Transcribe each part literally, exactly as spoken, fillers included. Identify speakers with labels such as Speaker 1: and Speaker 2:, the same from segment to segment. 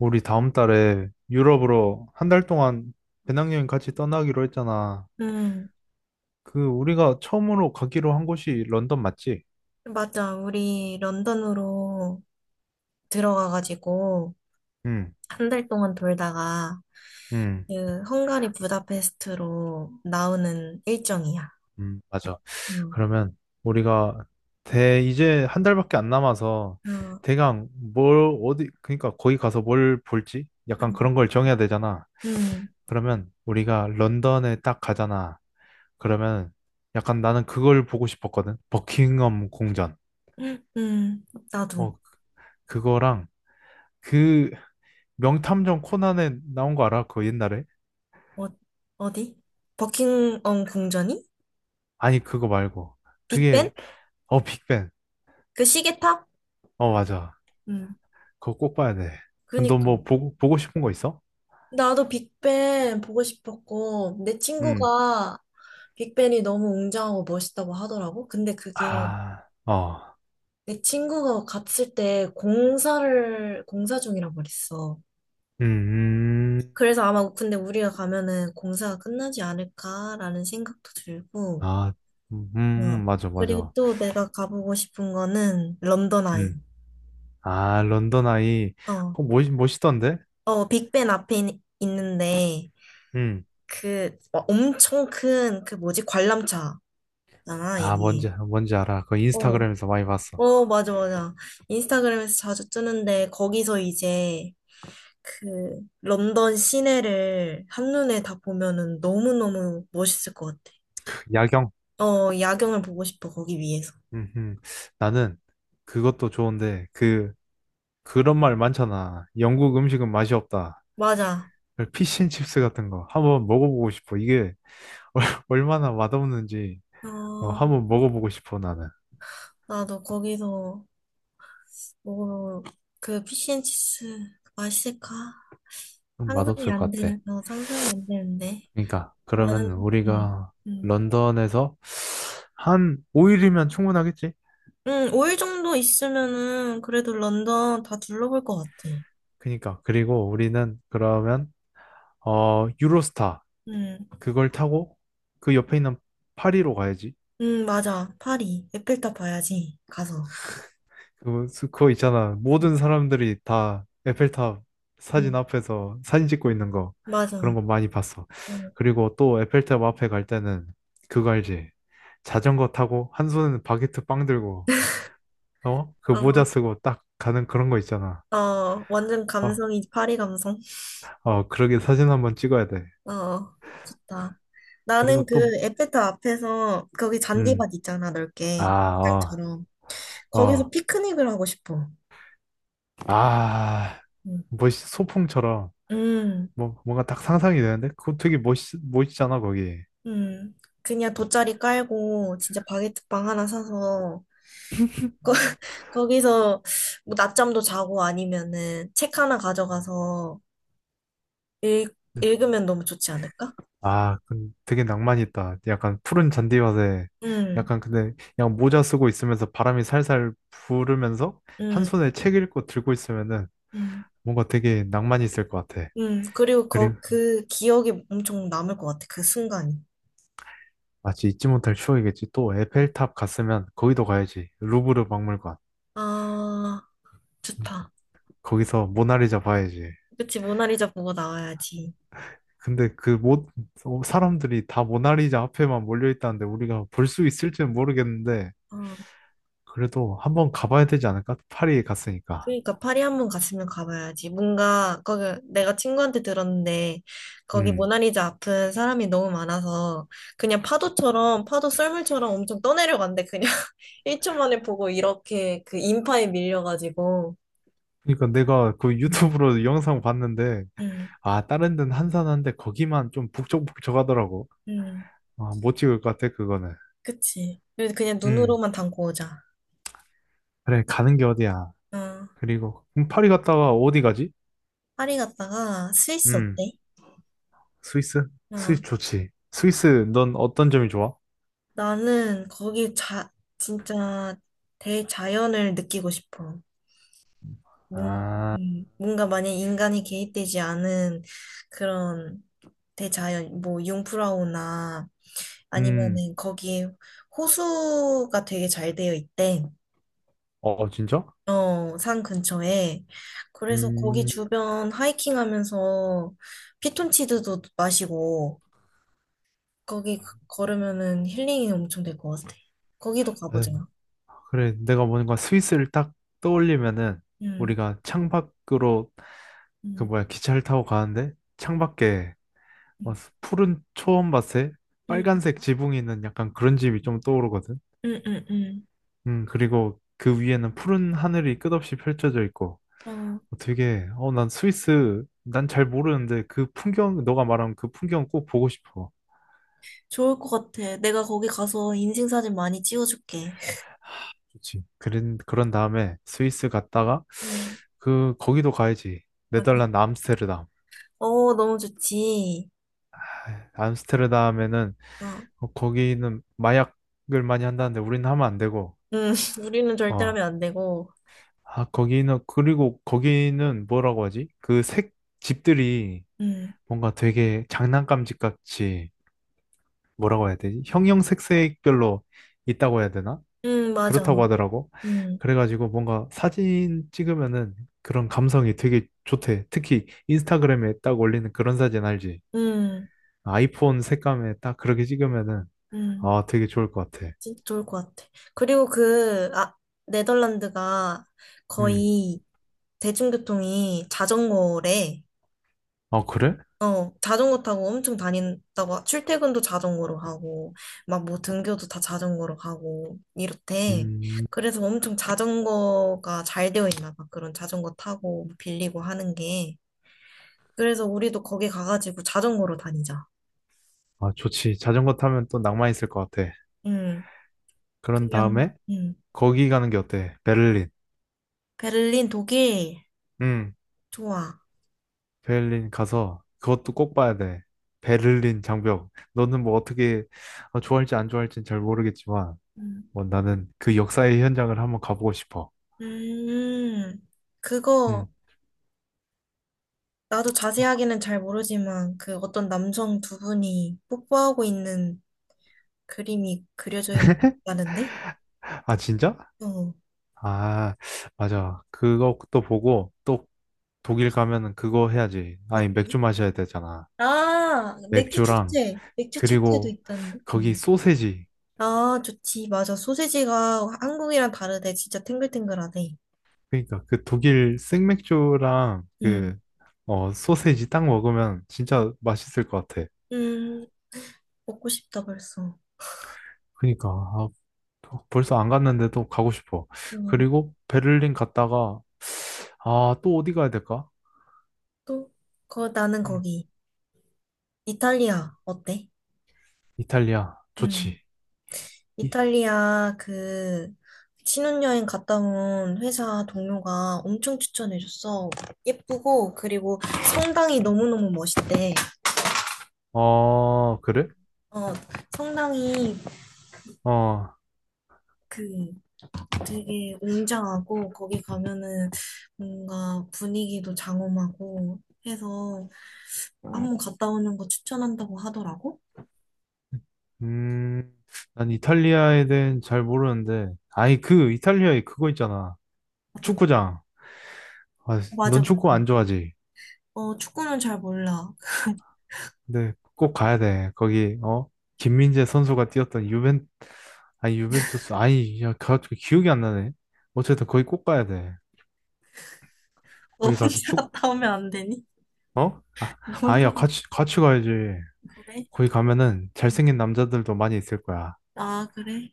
Speaker 1: 우리 다음 달에 유럽으로 한 달 동안 배낭여행 같이 떠나기로 했잖아.
Speaker 2: 음,
Speaker 1: 그 우리가 처음으로 가기로 한 곳이 런던 맞지?
Speaker 2: 맞아. 우리 런던으로 들어가가지고
Speaker 1: 응,
Speaker 2: 한 달 동안 돌다가
Speaker 1: 응,
Speaker 2: 그 헝가리 부다페스트로 나오는 일정이야.
Speaker 1: 응, 맞아.
Speaker 2: 음,
Speaker 1: 그러면 우리가 대 이제 한 달밖에 안 남아서
Speaker 2: 어,
Speaker 1: 대강 뭘 어디 그러니까 거기 가서 뭘 볼지 약간
Speaker 2: 음,
Speaker 1: 그런 걸 정해야 되잖아.
Speaker 2: 음,
Speaker 1: 그러면 우리가 런던에 딱 가잖아. 그러면 약간 나는 그걸 보고 싶었거든. 버킹엄 궁전.
Speaker 2: 음, 나도.
Speaker 1: 어, 그거랑 그 명탐정 코난에 나온 거 알아? 그거 옛날에?
Speaker 2: 어, 어디? 버킹엄 궁전이?
Speaker 1: 아니, 그거 말고. 그게,
Speaker 2: 빅벤?
Speaker 1: 어, 빅뱅.
Speaker 2: 그 시계탑?
Speaker 1: 어, 맞아.
Speaker 2: 음,
Speaker 1: 그거 꼭 봐야 돼. 너
Speaker 2: 그니까.
Speaker 1: 뭐 보고, 보고 싶은 거 있어?
Speaker 2: 나도 빅벤 보고 싶었고, 내
Speaker 1: 음.
Speaker 2: 친구가 빅벤이 너무 웅장하고 멋있다고 하더라고. 근데 그게
Speaker 1: 아, 어.
Speaker 2: 내 친구가 갔을 때 공사를, 공사 중이라고 그랬어.
Speaker 1: 음, 음.
Speaker 2: 그래서 아마 근데 우리가 가면은 공사가 끝나지 않을까라는 생각도 들고,
Speaker 1: 아, 음, 음,
Speaker 2: 어.
Speaker 1: 음. 맞아,
Speaker 2: 그리고
Speaker 1: 맞아.
Speaker 2: 또 내가 가보고 싶은 거는 런던 아이.
Speaker 1: 음. 아, 런던 아이.
Speaker 2: 어,
Speaker 1: 그거 멋, 멋있던데?
Speaker 2: 어, 빅벤 앞에 있- 있는데,
Speaker 1: 음.
Speaker 2: 그 어, 엄청 큰 그 뭐지? 관람차잖아,
Speaker 1: 아,
Speaker 2: 이게.
Speaker 1: 뭔지, 뭔지 알아. 그거
Speaker 2: 어,
Speaker 1: 인스타그램에서 많이 봤어.
Speaker 2: 어, 맞아, 맞아. 인스타그램에서 자주 뜨는데, 거기서 이제 그 런던 시내를 한눈에 다 보면은 너무너무 멋있을 것 같아.
Speaker 1: 야경.
Speaker 2: 어, 야경을 보고 싶어, 거기 위에서.
Speaker 1: 음, 음. 나는 그것도 좋은데, 그, 그런 말 많잖아. 영국 음식은 맛이 없다.
Speaker 2: 맞아.
Speaker 1: 피쉬앤칩스 같은 거 한번 먹어보고 싶어. 이게 얼마나 맛없는지 어,
Speaker 2: 어,
Speaker 1: 한번 먹어보고 싶어 나는.
Speaker 2: 나도 거기서 뭐, 그 피시앤치스 맛있을까?
Speaker 1: 음,
Speaker 2: 상상이
Speaker 1: 맛없을
Speaker 2: 안
Speaker 1: 것 같아.
Speaker 2: 되는, 어, 상상이 안 되는데.
Speaker 1: 그러니까 그러면
Speaker 2: 나는, 응,
Speaker 1: 우리가
Speaker 2: 응.
Speaker 1: 런던에서 한 오 일이면 충분하겠지?
Speaker 2: 응, 오 일 정도 있으면은 그래도 런던 다 둘러볼 것 같아.
Speaker 1: 그러니까 그리고 우리는 그러면 어 유로스타
Speaker 2: 응,
Speaker 1: 그걸 타고 그 옆에 있는 파리로 가야지.
Speaker 2: 응, 맞아. 파리. 에펠탑 봐야지, 가서.
Speaker 1: 그, 수- 그거 있잖아.
Speaker 2: 응,
Speaker 1: 모든 사람들이 다 에펠탑 사진
Speaker 2: 응.
Speaker 1: 앞에서 사진 찍고 있는 거. 그런
Speaker 2: 맞아.
Speaker 1: 거 많이 봤어.
Speaker 2: 응.
Speaker 1: 그리고 또 에펠탑 앞에 갈 때는 그거 알지? 자전거 타고 한 손에는 바게트 빵 들고, 어? 그 모자
Speaker 2: 어,
Speaker 1: 쓰고 딱 가는 그런 거 있잖아.
Speaker 2: 어, 완전
Speaker 1: 어,
Speaker 2: 감성이 파리 감성.
Speaker 1: 어, 그러게 사진 한번 찍어야 돼.
Speaker 2: 어, 좋다.
Speaker 1: 그리고
Speaker 2: 나는
Speaker 1: 또,
Speaker 2: 그 에펠탑 앞에서 거기
Speaker 1: 음,
Speaker 2: 잔디밭 있잖아,
Speaker 1: 아,
Speaker 2: 넓게.
Speaker 1: 어,
Speaker 2: 공장처럼. 거기서
Speaker 1: 어,
Speaker 2: 피크닉을 하고 싶어.
Speaker 1: 아,
Speaker 2: 응.
Speaker 1: 멋있, 소풍처럼,
Speaker 2: 음,
Speaker 1: 뭐, 뭔가 딱 상상이 되는데? 그거 되게 멋있, 멋있잖아, 거기.
Speaker 2: 음. 그냥 돗자리 깔고 진짜 바게트빵 하나 사서 거, 거기서 뭐 낮잠도 자고 아니면은 책 하나 가져가서 읽,
Speaker 1: 음.
Speaker 2: 읽으면 너무 좋지 않을까?
Speaker 1: 아, 근 되게 낭만 있다. 약간 푸른 잔디밭에
Speaker 2: 음,
Speaker 1: 약간 근데 그냥 모자 쓰고 있으면서 바람이 살살 부르면서 한
Speaker 2: 음,
Speaker 1: 손에 책 읽고 들고 있으면은
Speaker 2: 음.
Speaker 1: 뭔가 되게 낭만이 있을 것 같아.
Speaker 2: 음, 그리고 거,
Speaker 1: 그리고
Speaker 2: 그 기억이 엄청 남을 것 같아, 그 순간이.
Speaker 1: 마치 잊지 못할 추억이겠지. 또 에펠탑 갔으면 거기도 가야지. 루브르 박물관.
Speaker 2: 아,
Speaker 1: 음,
Speaker 2: 좋다.
Speaker 1: 거기서 모나리자 봐야지.
Speaker 2: 그치, 모나리자 보고 나와야지.
Speaker 1: 근데 그 모, 어, 사람들이 다 모나리자 앞에만 몰려 있다는데 우리가 볼 수 있을지는 모르겠는데
Speaker 2: 어,
Speaker 1: 그래도 한번 가봐야 되지 않을까? 파리에 갔으니까.
Speaker 2: 그러니까 파리 한번 갔으면 가봐야지. 뭔가 거기 내가 친구한테 들었는데 거기
Speaker 1: 음.
Speaker 2: 모나리자 앞은 사람이 너무 많아서 그냥 파도처럼 파도 썰물처럼 엄청 떠내려간대 그냥 일 초 만에 보고 이렇게 그 인파에 밀려가지고.
Speaker 1: 그러니까 내가 그
Speaker 2: 음,
Speaker 1: 유튜브로 영상 봤는데
Speaker 2: 음,
Speaker 1: 아 다른 데는 한산한데 거기만 좀 북적북적하더라고.
Speaker 2: 음,
Speaker 1: 아, 못 찍을 것 같아 그거는.
Speaker 2: 그치. 그래서 그냥
Speaker 1: 음
Speaker 2: 눈으로만 담고 오자.
Speaker 1: 그래 가는 게 어디야.
Speaker 2: 어,
Speaker 1: 그리고 그럼 파리 갔다가 어디 가지?
Speaker 2: 파리 갔다가 스위스
Speaker 1: 음
Speaker 2: 어때?
Speaker 1: 스위스?
Speaker 2: 어,
Speaker 1: 스위스 좋지. 스위스 넌 어떤 점이 좋아?
Speaker 2: 나는 거기 자, 진짜 대자연을 느끼고 싶어. 뭔-
Speaker 1: 아,
Speaker 2: 음, 뭔가 만약 인간이 개입되지 않은 그런 대자연, 뭐 융프라우나
Speaker 1: 음,
Speaker 2: 아니면은 거기에 호수가 되게 잘 되어 있대.
Speaker 1: 어 진짜?
Speaker 2: 어, 산 근처에. 그래서 거기
Speaker 1: 음,
Speaker 2: 주변 하이킹 하면서 피톤치드도 마시고 거기 그- 걸으면은 힐링이 엄청 될 것 같아. 거기도
Speaker 1: 아유,
Speaker 2: 가보자.
Speaker 1: 그래 내가 뭔가 스위스를 딱 떠올리면은
Speaker 2: 응.
Speaker 1: 우리가 창밖으로 그
Speaker 2: 응.
Speaker 1: 뭐야 기차를 타고 가는데 창밖에 와, 푸른 초원 밭에
Speaker 2: 응,
Speaker 1: 빨간색 지붕이 있는 약간 그런 집이 좀 떠오르거든.
Speaker 2: 응, 응, 응.
Speaker 1: 음, 그리고 그 위에는 푸른 하늘이 끝없이 펼쳐져 있고
Speaker 2: 어,
Speaker 1: 어, 되게 어, 난 스위스 난 잘 모르는데 그 풍경 너가 말한 그 풍경 꼭 보고 싶어.
Speaker 2: 좋을 것 같아. 내가 거기 가서 인생사진 많이 찍어줄게.
Speaker 1: 좋지. 그런 그런 다음에 스위스 갔다가
Speaker 2: 응.
Speaker 1: 그 거기도 가야지.
Speaker 2: 아,
Speaker 1: 네덜란드 암스테르담.
Speaker 2: 어, 너무 좋지.
Speaker 1: 아, 암스테르담에는
Speaker 2: 막,
Speaker 1: 어, 거기는 마약을 많이 한다는데 우리는 하면 안 되고
Speaker 2: 응, 우리는 절대
Speaker 1: 어
Speaker 2: 하면 안 되고.
Speaker 1: 아, 거기는, 그리고 거기는 뭐라고 하지? 그 색, 집들이
Speaker 2: 응,
Speaker 1: 뭔가 되게 장난감 집 같이, 뭐라고 해야 되지? 형형색색별로 있다고 해야 되나?
Speaker 2: 응, 맞아.
Speaker 1: 그렇다고 하더라고.
Speaker 2: 응,
Speaker 1: 그래가지고 뭔가 사진 찍으면은 그런 감성이 되게 좋대. 특히 인스타그램에 딱 올리는 그런 사진 알지?
Speaker 2: 응,
Speaker 1: 아이폰 색감에 딱 그렇게 찍으면은,
Speaker 2: 응.
Speaker 1: 아, 되게 좋을 것 같아.
Speaker 2: 진짜 좋을 것 같아. 그리고 그, 아, 네덜란드가
Speaker 1: 음.
Speaker 2: 거의 대중교통이 자전거래.
Speaker 1: 아, 그래?
Speaker 2: 어, 자전거 타고 엄청 다닌다고, 하- 출퇴근도 자전거로 하고, 막 뭐 등교도 다 자전거로 가고, 이렇대.
Speaker 1: 음,
Speaker 2: 그래서 엄청 자전거가 잘 되어 있나 봐. 그런 자전거 타고 뭐 빌리고 하는 게. 그래서 우리도 거기 가가지고 자전거로 다니자.
Speaker 1: 아, 좋지. 자전거 타면 또 낭만 있을 것 같아.
Speaker 2: 응,
Speaker 1: 그런
Speaker 2: 그냥,
Speaker 1: 다음에,
Speaker 2: 응.
Speaker 1: 거기 가는 게 어때? 베를린.
Speaker 2: 베를린, 독일,
Speaker 1: 응,
Speaker 2: 좋아.
Speaker 1: 베를린 가서 그것도 꼭 봐야 돼. 베를린 장벽. 너는 뭐 어떻게 어, 좋아할지 안 좋아할지는 잘 모르겠지만,
Speaker 2: 음,
Speaker 1: 뭐 나는 그 역사의 현장을 한번 가보고 싶어.
Speaker 2: 음, 그거,
Speaker 1: 응.
Speaker 2: 나도 자세하게는 잘 모르지만, 그 어떤 남성 두 분이 뽀뽀하고 있는 그림이 그려져 있다는데?
Speaker 1: 아, 진짜?
Speaker 2: 어.
Speaker 1: 아, 맞아. 그것도 보고 또 독일 가면은 그거 해야지.
Speaker 2: 어,
Speaker 1: 아니,
Speaker 2: 떤
Speaker 1: 맥주 마셔야 되잖아.
Speaker 2: 아, 맥주
Speaker 1: 맥주랑
Speaker 2: 축제. 맥주 축제도
Speaker 1: 그리고
Speaker 2: 있다는데.
Speaker 1: 거기
Speaker 2: 음.
Speaker 1: 소세지.
Speaker 2: 아, 좋지. 맞아. 소세지가 한국이랑 다르대. 진짜 탱글탱글하대.
Speaker 1: 그러니까 그 독일 생맥주랑
Speaker 2: 음.
Speaker 1: 그 어, 소세지 딱 먹으면 진짜 맛있을 것 같아.
Speaker 2: 음, 먹고 싶다, 벌써.
Speaker 1: 그러니까 아, 벌써 안 갔는데도 가고 싶어.
Speaker 2: 음.
Speaker 1: 그리고 베를린 갔다가 아, 또 어디 가야 될까?
Speaker 2: 또, 거, 나는
Speaker 1: 음,
Speaker 2: 거기. 이탈리아, 어때?
Speaker 1: 이탈리아
Speaker 2: 음.
Speaker 1: 좋지. 이-
Speaker 2: 이탈리아, 그, 신혼여행 갔다 온 회사 동료가 엄청 추천해줬어. 예쁘고, 그리고 성당이 너무너무 멋있대.
Speaker 1: 어, 그래?
Speaker 2: 어, 성당이
Speaker 1: 어,
Speaker 2: 그 되게 웅장하고 거기 가면은 뭔가 분위기도 장엄하고 해서 한번 갔다 오는 거 추천한다고 하더라고.
Speaker 1: 음, 난 이탈리아에 대해 잘 모르는데. 아니 그 이탈리아에 그거 있잖아.
Speaker 2: 어
Speaker 1: 축구장. 아,
Speaker 2: 맞아
Speaker 1: 넌
Speaker 2: 맞아.
Speaker 1: 축구 안 좋아하지?
Speaker 2: 어, 축구는 잘 몰라.
Speaker 1: 근데 꼭 가야 돼. 거기 어 김민재 선수가 뛰었던 유벤 아니 유벤투스 아니 야 갑자기 기억이 안 나네. 어쨌든 거기 꼭 가야 돼.
Speaker 2: 너
Speaker 1: 거기 가서
Speaker 2: 혼자
Speaker 1: 축구
Speaker 2: 갔다 오면 안 되니?
Speaker 1: 어? 아,
Speaker 2: 너 혼자
Speaker 1: 아야
Speaker 2: 갔다-
Speaker 1: 같이 같이 가야지.
Speaker 2: 그래?
Speaker 1: 거기 가면은 잘생긴 남자들도 많이 있을 거야.
Speaker 2: 아, 그래?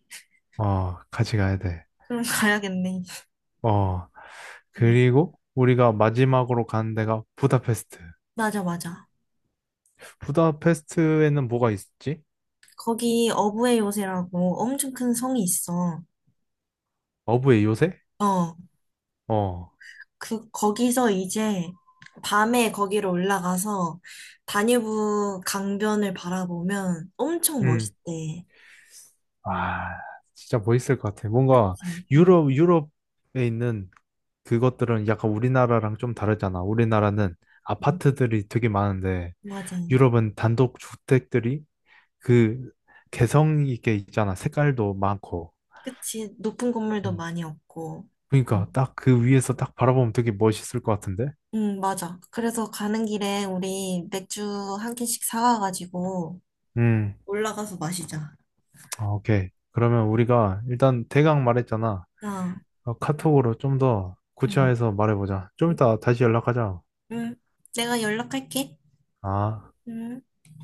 Speaker 1: 어 같이 가야 돼.
Speaker 2: 그럼 가야겠네.
Speaker 1: 어
Speaker 2: 응.
Speaker 1: 그리고 우리가 마지막으로 가는 데가 부다페스트.
Speaker 2: 맞아 맞아.
Speaker 1: 부다페스트에는 뭐가 있지?
Speaker 2: 거기 어부의 요새라고 엄청 큰 성이 있어.
Speaker 1: 어부의 요새?
Speaker 2: 어.
Speaker 1: 어.
Speaker 2: 그, 거기서 이제 밤에 거기로 올라가서 다뉴브 강변을 바라보면 엄청
Speaker 1: 음.
Speaker 2: 멋있대.
Speaker 1: 와, 진짜 멋있을 것 같아. 뭔가
Speaker 2: 음, 음,
Speaker 1: 유럽, 유럽에 있는 그것들은 약간 우리나라랑 좀 다르잖아. 우리나라는
Speaker 2: 음.
Speaker 1: 아파트들이 되게 많은데
Speaker 2: 맞아.
Speaker 1: 유럽은 단독 주택들이 그 개성 있게 있잖아. 색깔도 많고.
Speaker 2: 그치. 높은 건물도
Speaker 1: 음,
Speaker 2: 많이 없고.
Speaker 1: 그러니까
Speaker 2: 음,
Speaker 1: 딱 그 위에서 딱 바라보면 되게 멋있을 것 같은데.
Speaker 2: 음, 맞아. 그래서 가는 길에 우리 맥주 한 캔씩 사와가지고
Speaker 1: 음,
Speaker 2: 올라가서 마시자.
Speaker 1: 아, 오케이. 그러면 우리가 일단 대강 말했잖아.
Speaker 2: 어,
Speaker 1: 어, 카톡으로 좀 더
Speaker 2: 응,
Speaker 1: 구체화해서 말해보자. 좀 이따 다시 연락하자.
Speaker 2: 응. 내가 연락할게.
Speaker 1: 아.
Speaker 2: 응.